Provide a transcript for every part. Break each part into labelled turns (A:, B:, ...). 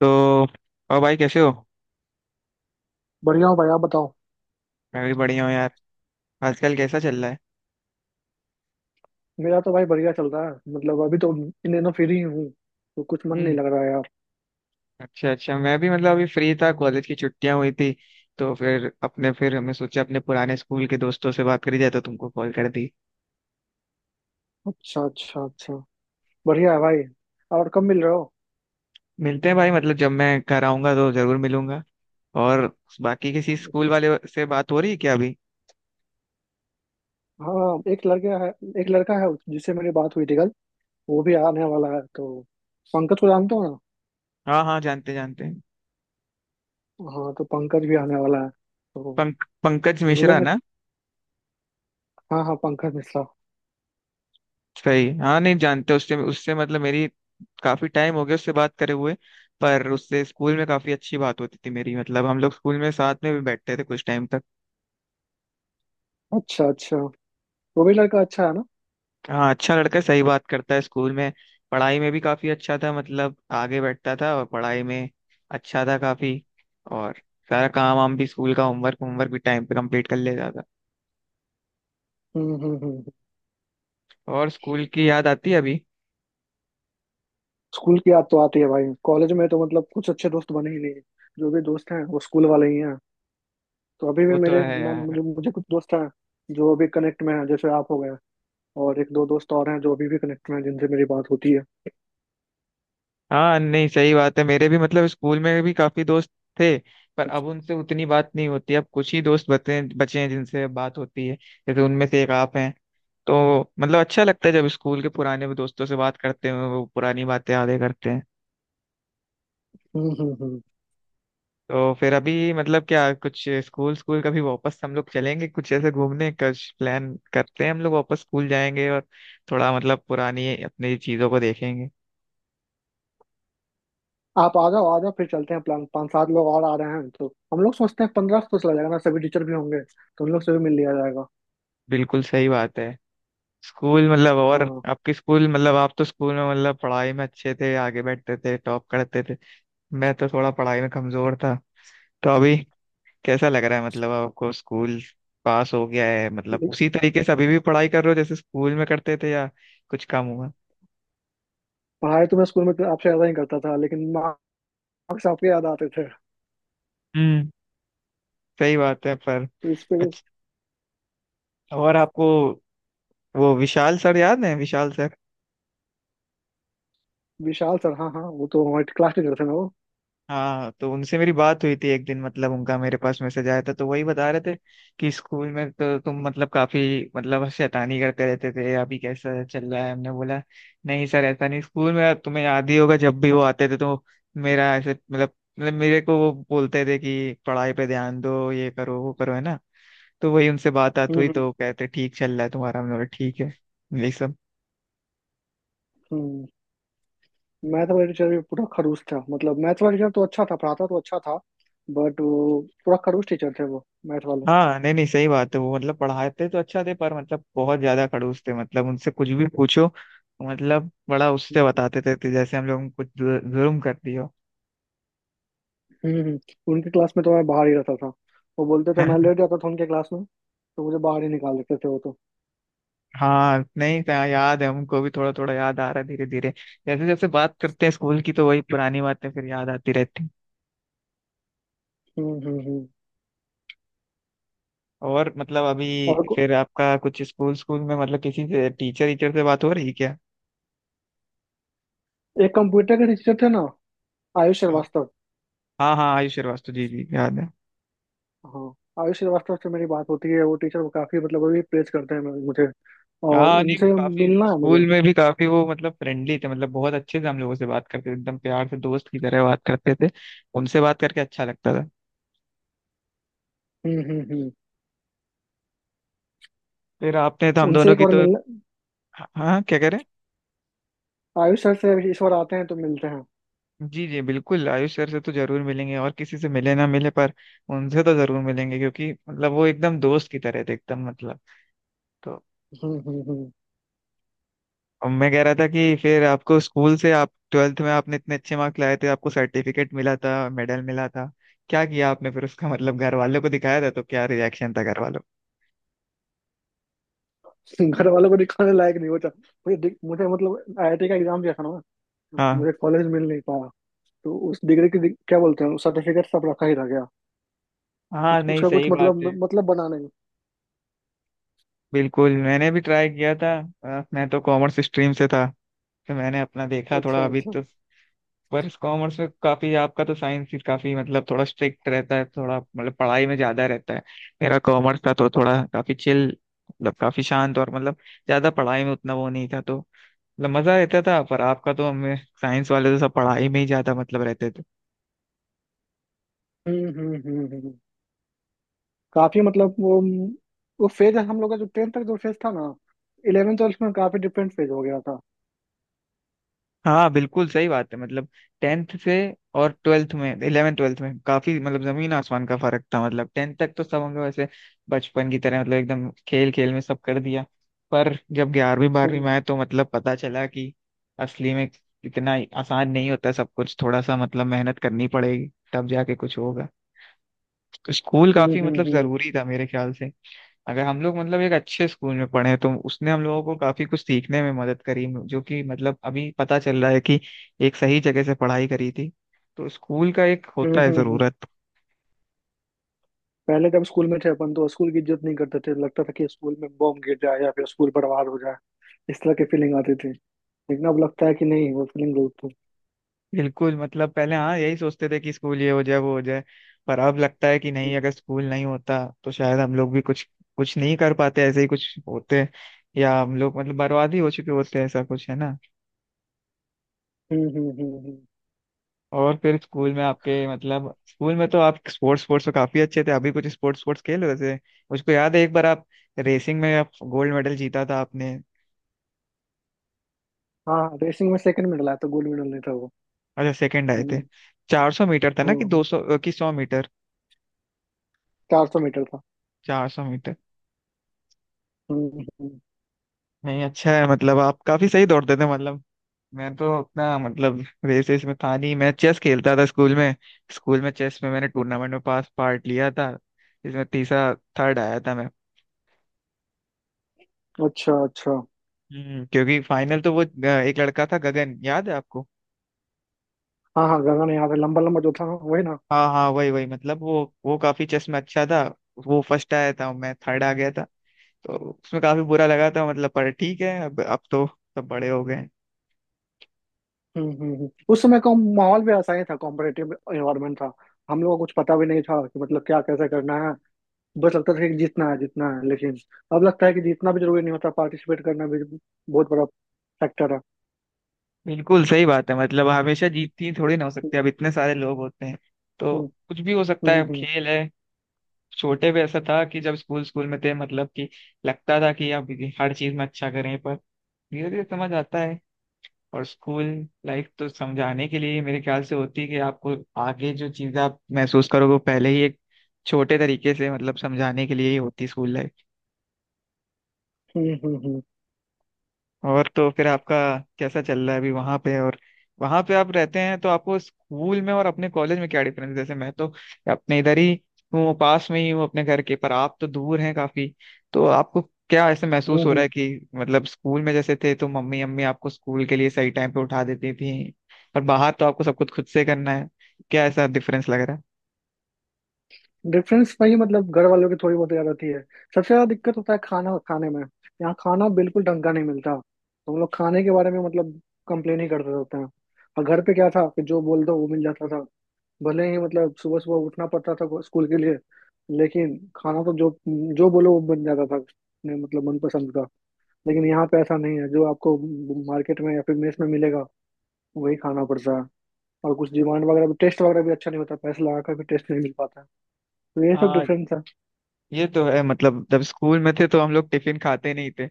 A: तो, और भाई कैसे हो?
B: बढ़िया हो भाई, आप बताओ।
A: मैं भी बढ़िया हूँ यार। आजकल कैसा चल रहा है?
B: मेरा तो भाई बढ़िया चल रहा है, मतलब अभी तो इन दिनों फ्री ही हूँ, तो कुछ मन नहीं
A: हम्म।
B: लग रहा है यार।
A: अच्छा अच्छा, मैं भी मतलब अभी फ्री था, कॉलेज की छुट्टियां हुई थी तो फिर अपने फिर हमने सोचा अपने पुराने स्कूल के दोस्तों से बात करी जाए तो तुमको कॉल कर दी।
B: अच्छा अच्छा अच्छा। बढ़िया है भाई। और कब मिल रहे हो?
A: मिलते हैं भाई, मतलब जब मैं घर आऊंगा तो जरूर मिलूंगा। और बाकी किसी स्कूल वाले से बात हो रही है क्या अभी?
B: हाँ, एक लड़का है, एक लड़का है जिससे मेरी बात हुई थी कल। वो भी आने वाला है तो। पंकज को जानते हो ना?
A: हाँ हाँ, जानते जानते हैं।
B: हाँ, तो पंकज भी आने वाला है तो
A: पंकज मिश्रा
B: मिलेंगे।
A: ना?
B: हाँ हाँ, पंकज मिश्रा।
A: सही, हाँ नहीं जानते, उससे उससे मतलब मेरी काफी टाइम हो गया उससे बात करे हुए। पर उससे स्कूल में काफी अच्छी बात होती थी मेरी, मतलब हम लोग स्कूल में साथ में भी बैठते थे कुछ टाइम तक।
B: अच्छा अच्छा। वो भी लड़का अच्छा है ना?
A: हाँ अच्छा लड़का है, सही बात करता है स्कूल में। पढ़ाई में भी काफी अच्छा था, मतलब आगे बैठता था और पढ़ाई में अच्छा था काफी। और सारा काम वाम भी, स्कूल का होमवर्क होमवर्क भी टाइम पे कंप्लीट कर लेता था।
B: हम्म।
A: और स्कूल की याद आती है अभी?
B: स्कूल की याद तो आती है भाई, कॉलेज में तो मतलब कुछ अच्छे दोस्त बने ही नहीं। जो भी दोस्त हैं वो स्कूल वाले ही हैं। तो अभी भी
A: वो तो
B: मेरे
A: है
B: मैं
A: यार।
B: मुझे मुझे कुछ दोस्त हैं जो अभी कनेक्ट में हैं, जैसे आप हो गए। और एक दो दोस्त और हैं जो अभी भी कनेक्ट में हैं जिनसे मेरी बात होती है।
A: हाँ नहीं सही बात है, मेरे भी मतलब स्कूल में भी काफी दोस्त थे, पर अब उनसे उतनी बात नहीं होती। अब कुछ ही दोस्त बचे बचे हैं जिनसे बात होती है, जैसे उनमें से एक आप हैं। तो मतलब अच्छा लगता है जब स्कूल के पुराने दोस्तों से बात करते हैं, वो पुरानी बातें यादें करते हैं।
B: हम्म हम्म हम्म।
A: तो फिर अभी मतलब क्या कुछ स्कूल स्कूल कभी वापस हम लोग चलेंगे कुछ ऐसे घूमने का प्लान करते हैं, हम लोग वापस स्कूल जाएंगे और थोड़ा मतलब पुरानी अपनी चीजों को देखेंगे।
B: आप आ जाओ आ जाओ, फिर चलते हैं प्लान, पाँच सात लोग और आ रहे हैं तो हम लोग सोचते हैं 15 को चला जाएगा ना, सभी टीचर भी होंगे तो उन लोग से भी मिल लिया जाएगा।
A: बिल्कुल सही बात है। स्कूल मतलब, और
B: हाँ।
A: आपके स्कूल मतलब आप तो स्कूल में मतलब पढ़ाई में अच्छे थे, आगे बैठते थे, टॉप करते थे। मैं तो थोड़ा पढ़ाई में कमजोर था। तो अभी कैसा लग रहा है मतलब आपको, स्कूल पास हो गया है मतलब
B: ले-
A: उसी तरीके से अभी भी पढ़ाई कर रहे हो जैसे स्कूल में करते थे या कुछ कम हुआ?
B: पढ़ाई तो मैं स्कूल में तो आपसे ज्यादा ही करता था, लेकिन मार्क्स आपके याद आते थे।
A: हम्म। सही बात है पर।
B: तो इस पे।
A: अच्छा। और आपको वो विशाल सर याद है, विशाल सर?
B: विशाल सर, हाँ हाँ, वो तो हमारे क्लास टीचर थे ना वो।
A: हाँ तो उनसे मेरी बात हुई थी एक दिन, मतलब उनका मेरे पास मैसेज आया था तो वही बता रहे थे कि स्कूल में तो तुम मतलब काफी मतलब शैतानी करते रहते थे, अभी कैसा चल रहा है। हमने बोला नहीं सर, ऐसा नहीं। स्कूल में तुम्हें याद ही होगा, जब भी वो आते थे तो मेरा ऐसे मतलब मेरे को वो बोलते थे कि पढ़ाई पे ध्यान दो, ये करो वो करो, है ना। तो वही उनसे बात बात
B: हम्म
A: हुई
B: हम्म
A: तो कहते ठीक चल रहा है तुम्हारा, हमने बोला ठीक है। यही सब।
B: हम्म। मैथ वाला टीचर भी पूरा खड़ूस था, मतलब मैथ वाला टीचर तो अच्छा था, पढ़ाता तो अच्छा था, बट वो पूरा खड़ूस टीचर थे वो मैथ वाले।
A: हाँ नहीं नहीं सही बात है, वो मतलब पढ़ाते तो अच्छा थे पर मतलब बहुत ज्यादा खड़ूस थे। मतलब उनसे कुछ भी पूछो मतलब बड़ा उससे
B: हम्म
A: बताते थे कि जैसे हम लोग कुछ जुर्म कर दियो।
B: हम्म। उनके क्लास में तो मैं बाहर ही रहता था, वो बोलते थे। मैं लेट जाता था उनके क्लास में तो मुझे बाहर ही निकाल देते थे वो तो।
A: हाँ नहीं था याद है, हमको भी थोड़ा थोड़ा याद आ रहा है धीरे धीरे, जैसे जैसे बात करते हैं स्कूल की तो वही पुरानी बातें फिर याद आती रहती हैं।
B: हम्म हम्म हम्म।
A: और मतलब अभी
B: और को-
A: फिर आपका कुछ स्कूल स्कूल में मतलब किसी से टीचर टीचर से बात हो रही है क्या?
B: एक कंप्यूटर के टीचर थे ना, आयुष श्रीवास्तव।
A: हाँ हाँ आयुष श्रीवास्तव, जी जी याद है।
B: हाँ। आयुष श्रीवास्तव से मेरी बात होती है, वो टीचर काफी मतलब अभी प्रेज करते हैं मुझे, और
A: हाँ नहीं वो
B: उनसे
A: काफी
B: मिलना है मुझे।
A: स्कूल में भी काफी वो मतलब फ्रेंडली थे, मतलब बहुत अच्छे से हम लोगों से बात करते थे, एकदम प्यार से, दोस्त की तरह बात करते थे। उनसे बात करके अच्छा लगता था।
B: हम्म।
A: फिर आपने तो हम
B: उनसे
A: दोनों
B: एक
A: की
B: बार
A: तो।
B: मिलना,
A: हाँ हाँ, क्या करें।
B: आयुष सर से इस बार आते हैं तो मिलते हैं।
A: जी जी बिल्कुल, आयुष सर से तो जरूर मिलेंगे, और किसी से मिले ना मिले पर उनसे तो जरूर मिलेंगे, क्योंकि मतलब वो एकदम दोस्त की तरह थे, एकदम मतलब। तो।
B: हम्म हम्म हम्म।
A: अब मैं कह रहा था कि फिर आपको स्कूल से, आप ट्वेल्थ में आपने इतने अच्छे मार्क्स लाए थे, आपको सर्टिफिकेट मिला था, मेडल मिला था, क्या किया आपने फिर उसका मतलब घर वालों को दिखाया था तो क्या रिएक्शन था घर वालों
B: घर वालों को दिखाने लायक नहीं होता। मुझे मतलब आईआईटी का एग्जाम दिया था ना।
A: का? हाँ।
B: मुझे कॉलेज मिल नहीं पाया। तो उस डिग्री की क्या बोलते हैं, सर्टिफिकेट सब रखा ही रह गया।
A: हाँ
B: कुछ
A: नहीं
B: उसका कुछ
A: सही बात
B: मतलब
A: है।
B: बना नहीं।
A: बिल्कुल मैंने भी ट्राई किया था। मैं तो कॉमर्स स्ट्रीम से था, तो मैंने अपना देखा
B: अच्छा
A: थोड़ा अभी
B: अच्छा।
A: तो। पर कॉमर्स में काफी, आपका तो साइंस ही काफी मतलब थोड़ा स्ट्रिक्ट रहता है, थोड़ा मतलब पढ़ाई में ज्यादा रहता है। मेरा कॉमर्स था तो थोड़ा काफी चिल, मतलब काफी शांत और मतलब ज्यादा पढ़ाई में उतना वो नहीं था तो मतलब मजा रहता था। पर आपका तो हमें, साइंस वाले तो सब पढ़ाई में ही ज्यादा मतलब रहते थे।
B: हम्म हम्म हम्म हम्म। काफी मतलब वो फेज हम लोग का जो टेंथ तक जो फेज था ना, इलेवेंथ ट्वेल्थ में काफी डिफरेंट फेज हो गया था।
A: हाँ बिल्कुल सही बात है। मतलब टेंथ से और ट्वेल्थ में, इलेवेंथ ट्वेल्थ में काफी मतलब जमीन आसमान का फर्क था। मतलब टेंथ तक तो सब हम लोग ऐसे बचपन की तरह मतलब एकदम खेल खेल में सब कर दिया, पर जब ग्यारहवीं बारहवीं
B: हम्म
A: में आए तो मतलब पता चला कि असली में इतना आसान नहीं होता सब कुछ, थोड़ा सा मतलब मेहनत करनी पड़ेगी तब जाके कुछ होगा। स्कूल
B: हम्म
A: काफी
B: हम्म
A: मतलब
B: हम्म
A: जरूरी था मेरे ख्याल से, अगर हम लोग मतलब एक अच्छे स्कूल में पढ़े तो उसने हम लोगों को काफी कुछ सीखने में मदद करी, जो कि मतलब अभी पता चल रहा है कि एक सही जगह से पढ़ाई करी थी। तो स्कूल का एक
B: हम्म,
A: होता है
B: हम्म, हम्म।
A: जरूरत।
B: पहले जब स्कूल में थे अपन तो स्कूल की इज्जत नहीं करते थे, लगता था कि स्कूल में बॉम्ब गिर जाए या फिर स्कूल बर्बाद हो जाए, इस तरह की फीलिंग आती। लेकिन अब लगता है कि नहीं, वो फीलिंग गलत थी।
A: बिल्कुल मतलब पहले हाँ यही सोचते थे कि स्कूल ये हो जाए वो हो जाए, पर अब लगता है कि नहीं, अगर स्कूल नहीं होता तो शायद हम लोग भी कुछ कुछ नहीं कर पाते, ऐसे ही कुछ होते या हम लोग मतलब बर्बाद ही हो चुके होते, ऐसा कुछ है ना।
B: हम्म हम्म हम्म हम्म।
A: और फिर स्कूल में आपके मतलब, स्कूल में तो आप स्पोर्ट्स स्पोर्ट्स में काफी अच्छे थे, अभी कुछ स्पोर्ट्स स्पोर्ट्स खेल रहे थे? मुझको याद है एक बार आप रेसिंग में आप गोल्ड मेडल जीता था आपने।
B: हाँ, रेसिंग में सेकंड मेडल आया था, गोल्ड मेडल नहीं था वो।
A: अच्छा, सेकंड आए थे।
B: हम्म
A: 400 मीटर था ना, कि
B: हम्म।
A: 200, कि 100 मीटर?
B: 400 मीटर था।
A: 400 मीटर।
B: हम्म।
A: नहीं अच्छा है, मतलब आप काफी सही दौड़ते थे। मतलब मैं तो अपना मतलब रेसेस में था नहीं, मैं चेस खेलता था स्कूल में। स्कूल में चेस में मैंने टूर्नामेंट में पास पार्ट लिया था, इसमें तीसरा थर्ड आया था मैं।
B: अच्छा अच्छा।
A: क्योंकि फाइनल तो वो एक लड़का था गगन, याद है आपको?
B: हाँ हाँ, गगन याद है, लंबा लंबा जो था वही ना।
A: हाँ हाँ वही वही, मतलब वो काफी चेस में अच्छा था। वो फर्स्ट आया था, मैं थर्ड आ गया था तो उसमें काफी बुरा लगा था, मतलब। पर ठीक है, अब तो सब बड़े हो गए हैं।
B: उस समय का माहौल भी ऐसा ही था, कॉम्पिटेटिव एनवायरमेंट था। हम लोगों को कुछ पता भी नहीं था कि मतलब क्या कैसे करना है, बस लगता था कि जीतना है जीतना है। लेकिन अब लगता है कि जीतना भी जरूरी नहीं होता, पार्टिसिपेट करना भी बहुत बड़ा फैक्टर है।
A: बिल्कुल सही बात है, मतलब हमेशा जीतती थोड़ी ना हो सकती, अब इतने सारे लोग होते हैं तो
B: हम्म
A: कुछ भी हो सकता है,
B: हम्म
A: अब
B: हम्म
A: खेल है। छोटे पे ऐसा था कि जब स्कूल स्कूल में थे मतलब कि लगता था कि अब हर चीज में अच्छा करें, पर धीरे धीरे समझ आता है। और स्कूल लाइफ तो समझाने के लिए ही मेरे ख्याल से होती है कि आपको आगे जो चीज़ आप महसूस करोगे वो पहले ही एक छोटे तरीके से मतलब समझाने के लिए ही होती स्कूल लाइफ।
B: हम्म हम्म हम्म
A: और तो फिर आपका कैसा चल रहा है अभी वहां पे? और वहां पे आप रहते हैं तो आपको स्कूल में और अपने कॉलेज में क्या डिफरेंस है, जैसे मैं तो अपने इधर ही हूँ, पास में ही हूँ अपने घर के, पर आप तो दूर हैं काफी। तो आपको क्या ऐसे महसूस हो रहा
B: हम्म।
A: है कि मतलब स्कूल में जैसे थे तो मम्मी अम्मी आपको स्कूल के लिए सही टाइम पे उठा देती थी, पर बाहर तो आपको सब कुछ खुद से करना है, क्या ऐसा डिफरेंस लग रहा
B: डिफरेंस वही मतलब घर वालों की थोड़ी बहुत ज्यादा होती है। सबसे ज्यादा दिक्कत होता है खाना खाने में, यहाँ खाना बिल्कुल ढंग का नहीं मिलता, तो हम लोग खाने के बारे में मतलब कंप्लेन ही करते रहते हैं। और घर पे क्या था कि जो बोल दो वो मिल जाता था, भले ही मतलब सुबह सुबह उठना पड़ता था स्कूल के लिए, लेकिन खाना तो जो जो बोलो वो बन जाता था अपने मतलब मनपसंद का। लेकिन यहाँ पे ऐसा नहीं है, जो आपको मार्केट में या फिर मेस में मिलेगा वही खाना पड़ता है। और कुछ डिमांड वगैरह भी, टेस्ट वगैरह भी अच्छा नहीं होता, पैसे लगा कर भी टेस्ट नहीं मिल पाता है। तो ये सब
A: है?
B: डिफरेंस है।
A: ये तो है, मतलब जब स्कूल में थे तो हम लोग टिफिन खाते नहीं थे,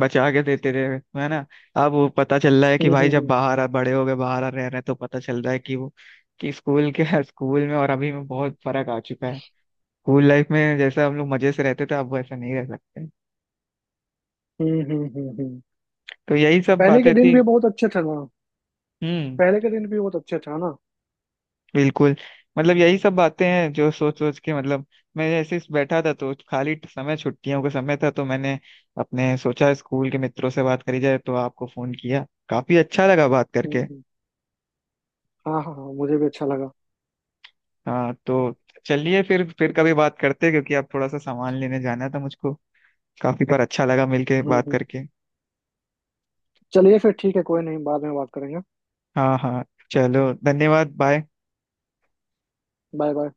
A: बचा के देते थे, है ना। अब वो पता चल रहा है कि
B: हम्म
A: भाई जब
B: हम्म
A: बाहर आ, बड़े हो गए बाहर आ रह रहे हैं तो पता चल रहा है कि वो कि स्कूल के स्कूल में और अभी में बहुत फर्क आ चुका है। स्कूल लाइफ में जैसा हम लोग मजे से रहते थे अब वैसा नहीं रह सकते।
B: हम्म।
A: तो यही सब
B: पहले के
A: बातें
B: दिन
A: थी।
B: भी बहुत अच्छे थे ना?
A: हम्म।
B: पहले के दिन भी बहुत अच्छे थे ना?
A: बिल्कुल मतलब यही सब बातें हैं जो सोच सोच के मतलब मैं ऐसे ही बैठा था, तो खाली समय, छुट्टियों का समय था तो मैंने अपने सोचा स्कूल के मित्रों से बात करी जाए तो आपको फोन किया, काफी अच्छा लगा बात
B: हम्म
A: करके।
B: हम्म। हाँ हाँ हाँ, मुझे भी अच्छा लगा।
A: हाँ तो चलिए, फिर कभी बात करते हैं, क्योंकि अब थोड़ा सा सामान लेने जाना था मुझको। काफी, पर अच्छा लगा मिलके बात
B: हम्म।
A: करके।
B: चलिए फिर ठीक है, कोई नहीं, बाद में बात करेंगे।
A: हाँ हाँ, चलो धन्यवाद, बाय।
B: Bye bye.